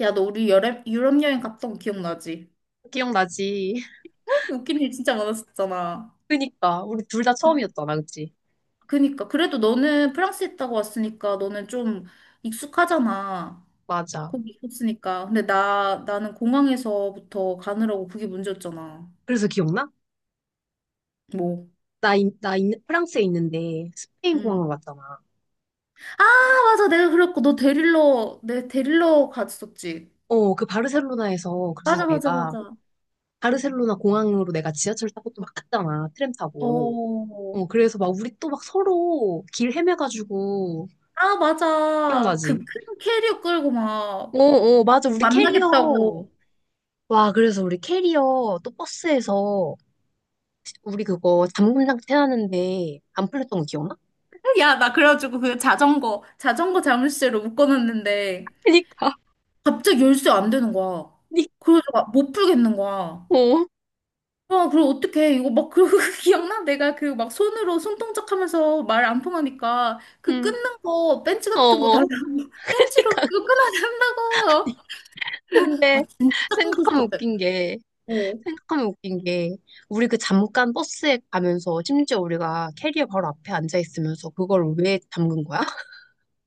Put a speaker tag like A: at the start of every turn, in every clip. A: 야, 너 우리 여름, 유럽 여행 갔던 거 기억나지?
B: 기억나지?
A: 웃긴 일 진짜 많았었잖아.
B: 그니까 우리 둘 다 처음이었잖아, 그치?
A: 그니까. 그래도 너는 프랑스 있다고 왔으니까 너는 좀 익숙하잖아.
B: 맞아.
A: 거기 있었으니까. 근데 나는 공항에서부터 가느라고 그게 문제였잖아.
B: 그래서 기억나?
A: 뭐,
B: 프랑스에 있는데 스페인 공항을
A: 응.
B: 왔잖아.
A: 아, 맞아. 내가 그랬고. 너 데릴러, 내 데릴러 갔었지.
B: 어, 그 바르셀로나에서 그래서
A: 맞아, 맞아,
B: 내가
A: 맞아.
B: 바르셀로나 공항으로 내가 지하철 타고 또 막 갔잖아, 트램 타고.
A: 어.
B: 어, 그래서 막 우리 또 막 서로 길 헤매가지고
A: 아, 맞아. 그
B: 기억나지?
A: 큰 캐리어 끌고
B: 어,
A: 막
B: 어, 맞아. 우리 캐리어.
A: 만나겠다고.
B: 와, 그래서 우리 캐리어 또 버스에서 우리 그거 잠금장 태하는데 안 풀렸던 거 기억나?
A: 야, 나 그래가지고 그 자전거 자물쇠로 묶어놨는데
B: 그니까.
A: 갑자기 열쇠 안 되는 거야.
B: 니-
A: 그래서 막 못 풀겠는 거야.
B: 어.
A: 아, 그럼 어떡해. 이거 막, 그러고 기억나? 내가 그 막 손으로 손동작 하면서 말 안 통하니까 그
B: 음,
A: 끊는 거, 벤치
B: 어,
A: 같은 거 달라고,
B: 어. 그러니까
A: 벤치로 이거 끊어야 된다고. 아,
B: 근데
A: 진짜 끊고
B: 생각하면
A: 싶었대.
B: 웃긴 게
A: 어.
B: 생각하면 웃긴 게 우리 그 잠깐 버스에 가면서 심지어 우리가 캐리어 바로 앞에 앉아 있으면서 그걸 왜 잠근 거야?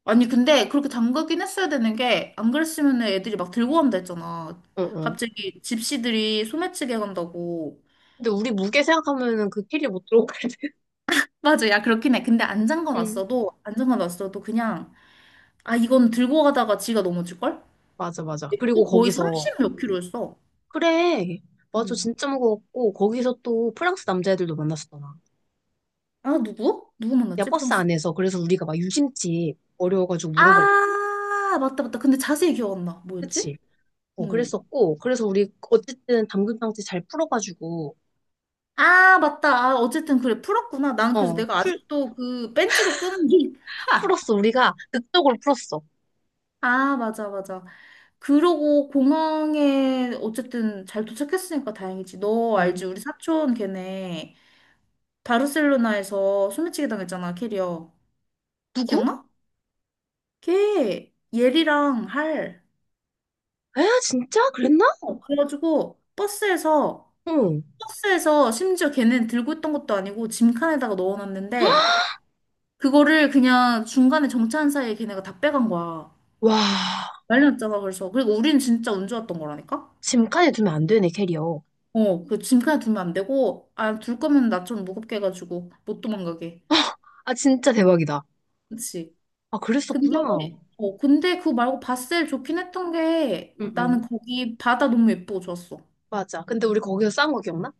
A: 아니, 근데 그렇게 담그긴 했어야 되는 게 안 그랬으면 애들이 막 들고 간다 했잖아.
B: 응, 응.
A: 갑자기 집시들이 소매치기 간다고.
B: 근데 우리 무게 생각하면은 그 캐리어 못 들어가거든.
A: 맞아. 야, 그렇긴 해. 근데 안
B: 응,
A: 잠궈놨어도, 안 잠궈놨어도 그냥, 아, 이건 들고 가다가 지가 넘어질걸?
B: 맞아, 맞아.
A: 또
B: 그리고
A: 거의 3
B: 거기서
A: 십몇 킬로였어.
B: 그래, 맞아,
A: 응.
B: 진짜 무거웠고 거기서 또 프랑스 남자애들도 만났었잖아.
A: 아, 누구? 누구
B: 야,
A: 만났지?
B: 버스
A: 프랑스.
B: 안에서 그래서 우리가 막 유심칩 어려워가지고 물어보고,
A: 아, 맞다, 맞다. 근데 자세히 기억 안 나.
B: 그치?
A: 뭐였지?
B: 어,
A: 응.
B: 그랬었고, 그래서 우리 어쨌든 담금 장치 잘 풀어가지고,
A: 아, 맞다. 아, 어쨌든 그래. 풀었구나. 난 그래서
B: 어,
A: 내가
B: 풀,
A: 아직도 그 벤치로 끄는 게.
B: 다 풀었어. 우리가 극적으로 풀었어.
A: 아, 맞아, 맞아. 그러고 공항에 어쨌든 잘 도착했으니까 다행이지. 너
B: 어,
A: 알지? 우리 사촌 걔네. 바르셀로나에서 소매치기 당했잖아, 캐리어.
B: 누구?
A: 기억나? 걔 예리랑 할.
B: 에? 진짜? 그랬나?
A: 어, 그래가지고 버스에서
B: 응.
A: 심지어 걔는 들고 있던 것도 아니고 짐칸에다가 넣어놨는데 그거를 그냥 중간에 정차한 사이에 걔네가 다 빼간 거야.
B: 와,
A: 난리 났잖아, 그래서. 그리고 우린 진짜 운 좋았던 거라니까?
B: 짐칸에 두면 안 되네, 캐리어.
A: 어, 그 짐칸에 두면 안 되고, 아, 둘 거면 나 좀 무겁게 해가지고 못 도망가게.
B: 아, 진짜 대박이다.
A: 그치?
B: 아,
A: 근데,
B: 그랬었구나.
A: 어, 근데 그거 말고 바셀 좋긴 했던 게
B: 응,
A: 나는
B: 응.
A: 거기 바다 너무 예쁘고 좋았어.
B: 맞아. 근데 우리 거기서 싸운 거 기억나?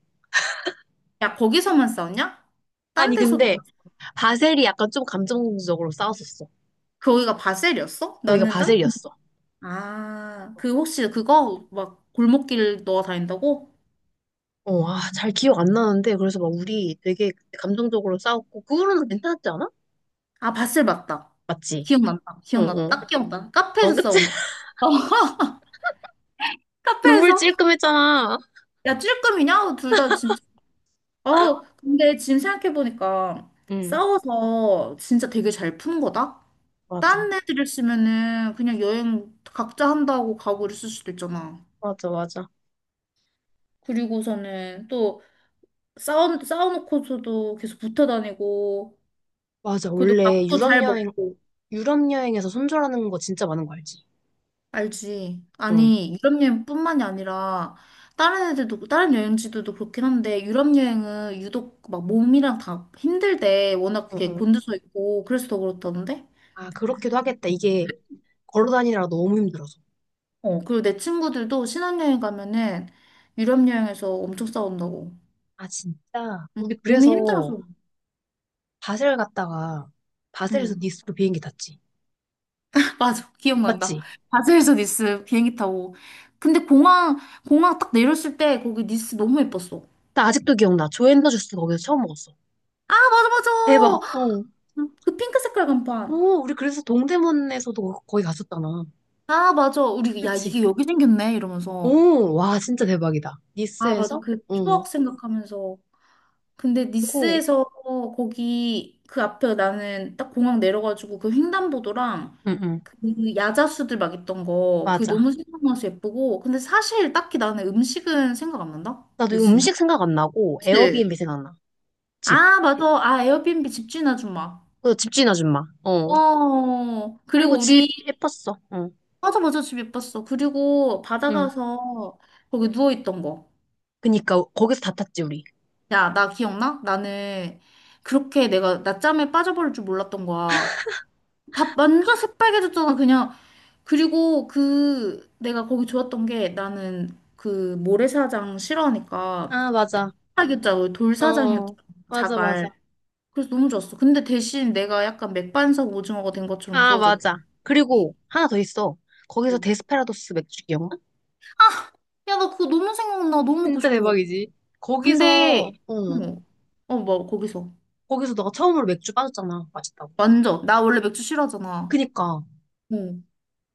A: 야, 거기서만 싸웠냐? 딴
B: 아니,
A: 데서도
B: 근데
A: 싸웠어?
B: 바셀이 약간 좀 감정적으로 싸웠었어.
A: 거기가 바셀이었어?
B: 거기가
A: 나는 딴 데.
B: 바셀이었어.
A: 아, 그 혹시 그거 막 골목길 넣어 다닌다고?
B: 어, 아, 잘 기억 안 나는데, 그래서 막 우리 되게 감정적으로 싸웠고, 그 후로는 괜찮았지 않아?
A: 아, 바셀 맞다.
B: 맞지?
A: 기억난다.
B: 어,
A: 기억나.
B: 어.
A: 딱 기억나.
B: 어,
A: 카페에서
B: 그치?
A: 싸운 거. 어,
B: 눈물
A: 카페에서
B: 찔끔했잖아.
A: 야 찔끔이냐? 둘 다 진짜 어 근데 지금 생각해보니까
B: 응,
A: 싸워서 진짜 되게 잘 푸는 거다.
B: 맞아.
A: 딴 애들을 쓰면은 그냥 여행 각자 한다고 가오를 쓸 수도 있잖아.
B: 맞아, 맞아.
A: 그리고서는 또 싸워놓고서도 계속 붙어 다니고,
B: 맞아.
A: 그래도
B: 원래
A: 밥도 잘 먹고,
B: 유럽 여행에서 손절하는 거 진짜 많은 거 알지?
A: 알지?
B: 응.
A: 아니, 유럽 여행뿐만이 아니라 다른 애들도, 다른 여행지들도 그렇긴 한데, 유럽 여행은 유독 막 몸이랑 다 힘들대. 워낙
B: 응,
A: 그게
B: 응.
A: 곤두서 있고, 그래서 더 그렇다던데?
B: 아, 그렇기도 하겠다. 이게 걸어 다니느라 너무 힘들어서.
A: 어, 그리고 내 친구들도 신혼여행 가면은 유럽 여행에서 엄청 싸운다고.
B: 아, 진짜.
A: 응,
B: 우리
A: 몸이
B: 그래서
A: 힘들어서.
B: 바셀 갔다가 바셀에서
A: 응.
B: 니스로 비행기 탔지.
A: 맞아. 기억난다.
B: 맞지?
A: 바젤에서 니스 비행기 타고. 근데 공항 딱 내렸을 때 거기 니스 너무 예뻤어.
B: 나 아직도 기억나. 조앤더 주스 거기서 처음 먹었어.
A: 아, 맞아, 맞아.
B: 대박. 어.
A: 그 핑크 색깔 간판.
B: 오, 우리 그래서 동대문에서도 거기 갔었잖아.
A: 아, 맞아. 우리, 야, 이게
B: 그치?
A: 여기 생겼네. 이러면서.
B: 오, 와, 진짜 대박이다.
A: 아, 맞아.
B: 니스에서?
A: 그
B: 응
A: 추억 생각하면서. 근데
B: 그리고
A: 니스에서 거기 그 앞에 나는 딱 공항 내려가지고 그 횡단보도랑
B: 응, 응.
A: 그 야자수들 막 있던 거. 그게
B: 맞아.
A: 너무 생각나서 예쁘고. 근데 사실 딱히 나는 음식은 생각 안 난다.
B: 나도 이거
A: 니스는?
B: 음식 생각 안 나고,
A: 그치?
B: 에어비앤비 생각나. 집.
A: 아, 맞아. 아, 에어비앤비 집주인 아줌마.
B: 그 집주인 아줌마. 어.
A: 어,
B: 그리고
A: 그리고
B: 집
A: 우리,
B: 예뻤어. 응.
A: 맞아, 맞아, 집 예뻤어. 그리고 바다
B: 응.
A: 가서 거기 누워있던 거.
B: 그니까, 거기서 다 탔지, 우리.
A: 야, 나 기억나? 나는 그렇게 내가 낮잠에 빠져버릴 줄 몰랐던 거야. 밥 완전 새빨개졌잖아, 그냥. 그리고 그, 내가 거기 좋았던 게 나는 그 모래사장 싫어하니까
B: 아, 맞아.
A: 사자고
B: 어, 어.
A: 돌사장이었잖아,
B: 맞아,
A: 자갈.
B: 맞아.
A: 그래서 너무 좋았어. 근데 대신 내가 약간 맥반석 오징어가 된 것처럼
B: 아,
A: 구워졌고.
B: 맞아. 그리고 하나 더 있어. 거기서 데스페라도스 맥주 기억나?
A: 야, 나 그거 너무 생각나. 너무 먹고
B: 진짜
A: 싶어.
B: 대박이지. 거기서,
A: 근데,
B: 어,
A: 어, 어, 뭐, 거기서.
B: 거기서 너가 처음으로 맥주 빠졌잖아. 맛있다고.
A: 완전. 나 원래 맥주 싫어하잖아.
B: 그니까.
A: 어.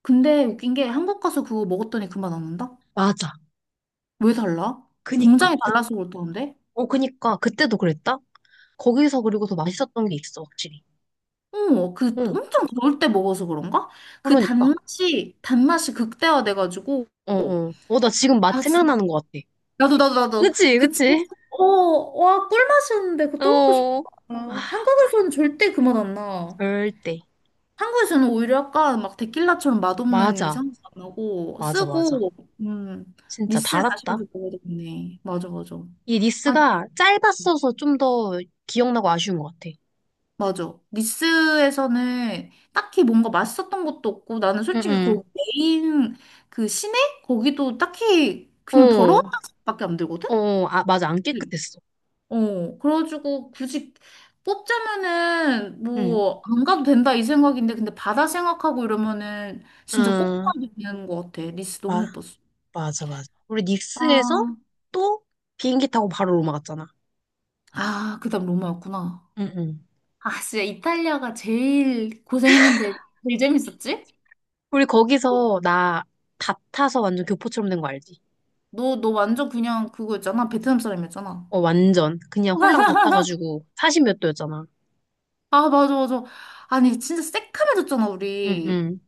A: 근데 웃긴 게 한국 가서 그거 먹었더니 그 맛 안 난다?
B: 맞아.
A: 왜 달라?
B: 그니까.
A: 공장이
B: 그,
A: 달라서 그렇다는데?
B: 어, 그니까. 그때도 그랬다? 거기서 그리고 더 맛있었던 게 있어, 확실히.
A: 어, 그
B: 응.
A: 엄청 더울 때 먹어서 그런가? 그
B: 그러니까.
A: 단맛이 극대화돼가지고.
B: 어, 어. 어, 나 지금 맛
A: 야, 진
B: 생각나는 것 같아.
A: 나도, 나도, 나도.
B: 그치,
A: 그 진짜,
B: 그치?
A: 어, 와, 꿀맛이었는데 그거 또 먹고 싶다.
B: 어. 아,
A: 한국에서는 절대 그 맛 안 나.
B: 절대.
A: 한국에서는 오히려 약간 막 데킬라처럼 맛없는
B: 맞아.
A: 이상도 안 나고
B: 맞아, 맞아.
A: 쓰고 음
B: 진짜
A: 니스를 다시
B: 달았다.
A: 가서 먹어야 되겠네. 맞아, 맞아.
B: 이
A: 아,
B: 니스가 짧았어서 좀 더 기억나고 아쉬운 것 같아.
A: 맞아. 니스에서는 딱히 뭔가 맛있었던 것도 없고 나는 솔직히
B: 응,
A: 거기 메인 그 시내 거기도 딱히
B: 응.
A: 그냥 더러운
B: 어,
A: 맛밖에 안 들거든.
B: 어, 아, 맞아. 안
A: 응.
B: 깨끗했어.
A: 어 그래가지고 굳이 뽑자면은
B: 응.
A: 뭐 안 가도 된다 이 생각인데 근데 바다 생각하고 이러면은 진짜 꼭
B: 아,
A: 가야 되는 것 같아. 니스 너무
B: 마,
A: 예뻤어.
B: 맞아, 맞아. 우리 닉스에서
A: 아,
B: 또 비행기 타고 바로 로마 갔잖아.
A: 아, 그다음 로마였구나.
B: 응, 응.
A: 아, 진짜 이탈리아가 제일 고생했는데 제일 재밌었지?
B: 우리 거기서 나 다 타서 완전 교포처럼 된 거 알지?
A: 너, 너 완전 그냥 그거였잖아. 베트남 사람이었잖아.
B: 어, 완전. 그냥 홀랑 다 따가지고 사십 몇 도였잖아.
A: 아, 맞아, 맞아. 아니, 진짜 새카매졌잖아,
B: 응,
A: 우리.
B: 응.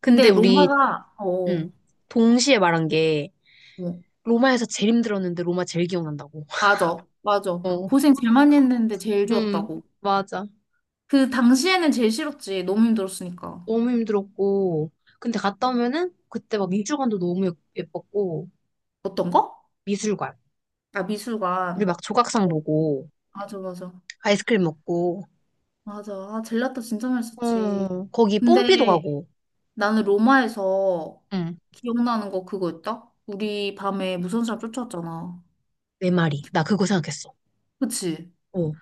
B: 근데
A: 근데
B: 우리,
A: 로마가, 어,
B: 응. 동시에 말한 게,
A: 어,
B: 로마에서 제일 힘들었는데 로마 제일 기억난다고.
A: 맞아, 맞아.
B: 어.
A: 고생 제일 많이 했는데 제일
B: 음,
A: 좋았다고.
B: 맞아.
A: 그 당시에는 제일 싫었지. 너무 힘들었으니까.
B: 너무 힘들었고. 근데 갔다 오면은 그때 막 미술관도 너무 예뻤고.
A: 어떤 거?
B: 미술관.
A: 아,
B: 우리
A: 미술관.
B: 막 조각상 보고,
A: 맞아, 맞아.
B: 아이스크림 먹고,
A: 맞아. 아, 젤라또 진짜 맛있었지.
B: 어, 거기 뽐삐도
A: 근데
B: 가고,
A: 나는 로마에서
B: 응.
A: 기억나는 거 그거 있다? 우리 밤에 무서운 사람 쫓아왔잖아.
B: 내 말이. 나 그거 생각했어.
A: 그치?
B: 어.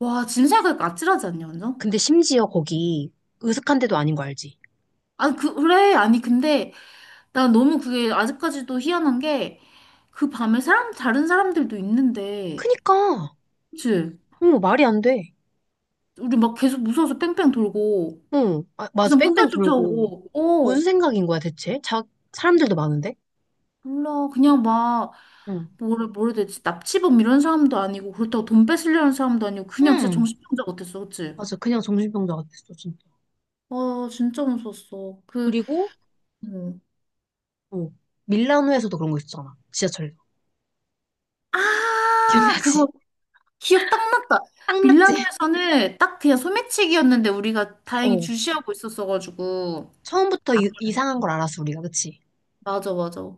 A: 와, 지금 생각하니까 아찔하지 않냐, 완전?
B: 근데 심지어 거기 으슥한 데도 아닌 거 알지?
A: 아니, 그, 그래. 아니, 근데 난 너무 그게 아직까지도 희한한 게 그 밤에 사람, 다른 사람들도 있는데,
B: 그니까.
A: 그치?
B: 응, 말이 안 돼.
A: 우리 막 계속 무서워서 뺑뺑 돌고,
B: 응, 아,
A: 그
B: 맞아.
A: 사람
B: 뺑뺑
A: 끝까지
B: 돌고.
A: 쫓아오고,
B: 무슨
A: 어,
B: 생각인 거야, 대체? 자, 사람들도 많은데?
A: 몰라. 그냥 막,
B: 응,
A: 뭐래, 뭐래 되지? 납치범 이런 사람도 아니고, 그렇다고 돈 뺏으려는 사람도 아니고, 그냥 진짜
B: 응,
A: 정신병자 같았어, 그치?
B: 맞아. 그냥 정신병자 같았어, 진짜.
A: 와, 진짜 무서웠어. 그,
B: 그리고,
A: 음.
B: 어, 밀라노에서도 그런 거 있었잖아. 지하철에서.
A: 아, 그거
B: 기억나지?
A: 기억 딱 났다.
B: 딱 맞지?
A: 밀라노에서는 딱 그냥 소매치기였는데 우리가 다행히
B: 어,
A: 주시하고 있었어가지고.
B: 처음부터
A: 안
B: 이상한
A: 걸렸지.
B: 걸 알았어, 우리가. 그치?
A: 맞아, 맞아.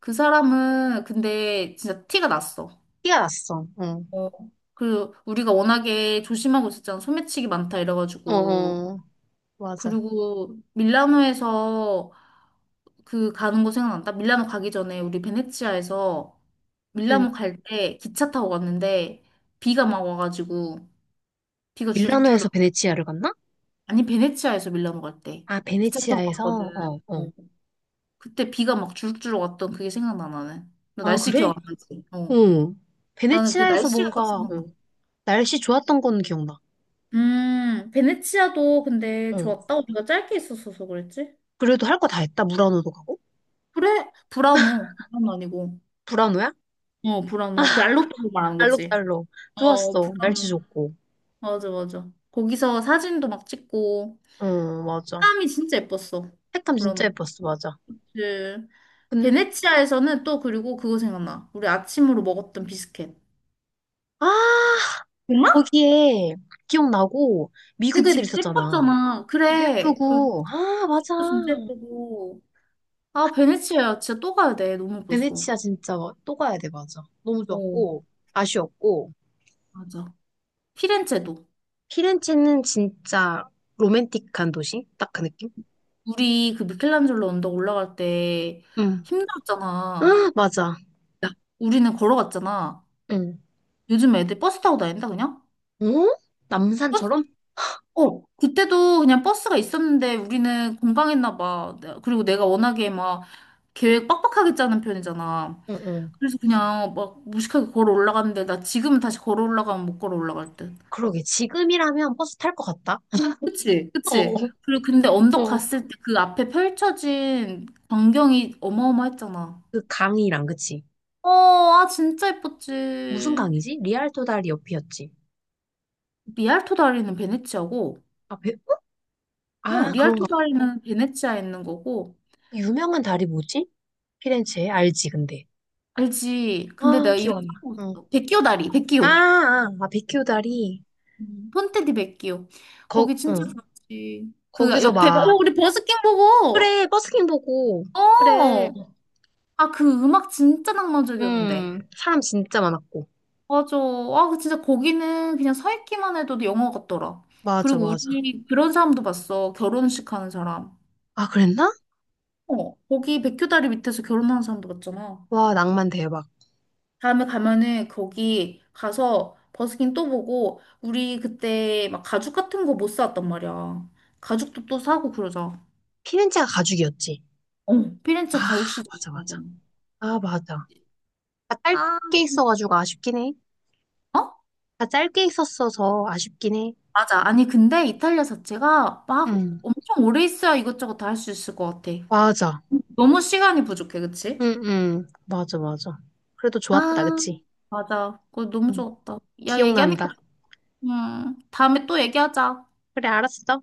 A: 그 사람은 근데 진짜 티가 났어.
B: 티가 났어. 어,
A: 어. 그리고 우리가 워낙에 조심하고 있었잖아. 소매치기 많다
B: 어,
A: 이래가지고.
B: 어, 맞아.
A: 그리고 밀라노에서 그 가는 거 생각난다. 밀라노 가기 전에 우리 베네치아에서
B: 응.
A: 밀라노 갈 때 기차 타고 갔는데 비가 막 와가지고 비가
B: 밀라노에서
A: 주룩주룩.
B: 베네치아를 갔나?
A: 아니 베네치아에서 밀라노 갈 때
B: 아,
A: 기차 타고
B: 베네치아에서?
A: 갔거든.
B: 어, 어.
A: 어. 그때 비가 막 주룩주룩 왔던 그게 생각나 나는. 너
B: 아,
A: 날씨
B: 그래?
A: 기억 안 나지? 어.
B: 응.
A: 나는 그
B: 베네치아에서
A: 날씨가 딱
B: 뭔가, 어,
A: 생각나.
B: 날씨 좋았던 건 기억나.
A: 베네치아도 근데
B: 어.
A: 좋았다. 우리가 짧게 있었어서 그랬지?
B: 그래도 할 거 다 했다. 무라노도 가고.
A: 그래, 브라노. 브라노 아니고.
B: 무라노야?
A: 어, 브라노. 그 알로토로 말하는 거지.
B: 알록달록.
A: 어,
B: 좋았어. 날씨
A: 브라노.
B: 좋고.
A: 맞아, 맞아. 거기서 사진도 막 찍고.
B: 어, 맞아.
A: 색감이 진짜 예뻤어.
B: 색감 진짜
A: 그런
B: 예뻤어. 맞아.
A: 그
B: 근,
A: 베네치아에서는 또 그리고 그거 생각나. 우리 아침으로 먹었던 비스켓.
B: 아,
A: 정말?
B: 거기에 기억나고
A: 그
B: 미국 애들
A: 집
B: 있었잖아.
A: 예뻤잖아.
B: 집
A: 그래. 그
B: 예쁘고. 아, 맞아.
A: 진짜 예쁘고. 아, 베네치아 야 진짜 또 가야 돼. 너무 예뻤어.
B: 베네치아 진짜 또 가야 돼. 맞아. 너무
A: 어,
B: 좋았고, 아쉬웠고.
A: 맞아. 피렌체도.
B: 피렌체는 진짜 로맨틱한 도시? 딱 그 느낌?
A: 우리 그 미켈란젤로 언덕 올라갈 때
B: 응. 아,
A: 힘들었잖아.
B: 맞아.
A: 야, 우리는 걸어갔잖아.
B: 응.
A: 요즘 애들 버스 타고 다닌다, 그냥?
B: 어? 남산처럼?
A: 어, 그때도 그냥 버스가 있었는데 우리는 공방했나 봐. 내- 그리고 내가 워낙에 막 계획 빡빡하게 짜는 편이잖아.
B: 응, 응.
A: 그래서 그냥 막 무식하게 걸어 올라갔는데 나 지금은 다시 걸어 올라가면 못 걸어 올라갈 듯.
B: 그러게. 지금이라면 버스 탈 것 같다.
A: 그치?
B: 어,
A: 그치? 그리고 근데 언덕
B: 어.
A: 갔을 때 그 앞에 펼쳐진 광경이 어마어마했잖아.
B: 그 강이랑, 그치?
A: 어, 아 진짜
B: 무슨
A: 예뻤지.
B: 강이지? 리알토 다리 옆이었지.
A: 리알토 다리는 베네치아고,
B: 아, 배, 어?
A: 어,
B: 아,
A: 리알토
B: 그런가.
A: 다리는 베네치아에 있는 거고,
B: 유명한 다리 뭐지? 피렌체에? 알지, 근데.
A: 알지? 근데
B: 아,
A: 내가
B: 기억
A: 이름
B: 안 나. 응.
A: 까먹었어. 백기오 다리,
B: 아,
A: 백기오.
B: 아, 아, 베큐 다리.
A: 폰테디 베키오.
B: 거,
A: 거기 진짜
B: 응.
A: 좋지. 그
B: 거기서
A: 옆에 봐. 야,
B: 막,
A: 우리 버스킹 보고.
B: 그래, 버스킹 보고, 그래.
A: 어. 아, 그 음악 진짜 낭만적이었는데.
B: 사람 진짜 많았고.
A: 맞아. 아, 그 진짜 거기는 그냥 서 있기만 해도 영화 같더라.
B: 맞아,
A: 그리고
B: 맞아.
A: 우리 그런 사람도 봤어. 결혼식 하는 사람.
B: 아, 그랬나?
A: 어. 거기 백교다리 밑에서 결혼하는 사람도 봤잖아.
B: 와, 낭만 대박.
A: 다음에 가면은 거기 가서 버스킹 또 보고 우리 그때 막 가죽 같은 거 못 사왔단 말이야. 가죽도 또 사고 그러자.
B: 피렌체가 가죽이었지.
A: 어,
B: 아,
A: 피렌체 가족 시장
B: 맞아, 맞아.
A: 가고.
B: 아, 맞아. 다
A: 아,
B: 짧게 있어가지고 아쉽긴 해.
A: 어?
B: 다 짧게 있었어서 아쉽긴 해.
A: 맞아. 아니, 근데 이탈리아 자체가 막
B: 응,
A: 엄청 오래 있어야 이것저것 다 할 수 있을 것 같아.
B: 맞아.
A: 너무 시간이 부족해, 그치?
B: 응, 응. 맞아, 맞아. 그래도
A: 아,
B: 좋았다, 그치?
A: 맞아. 그거 너무
B: 응.
A: 좋았다. 야, 얘기하니까,
B: 기억난다.
A: 좋- 다음에 또 얘기하자.
B: 그래, 알았어.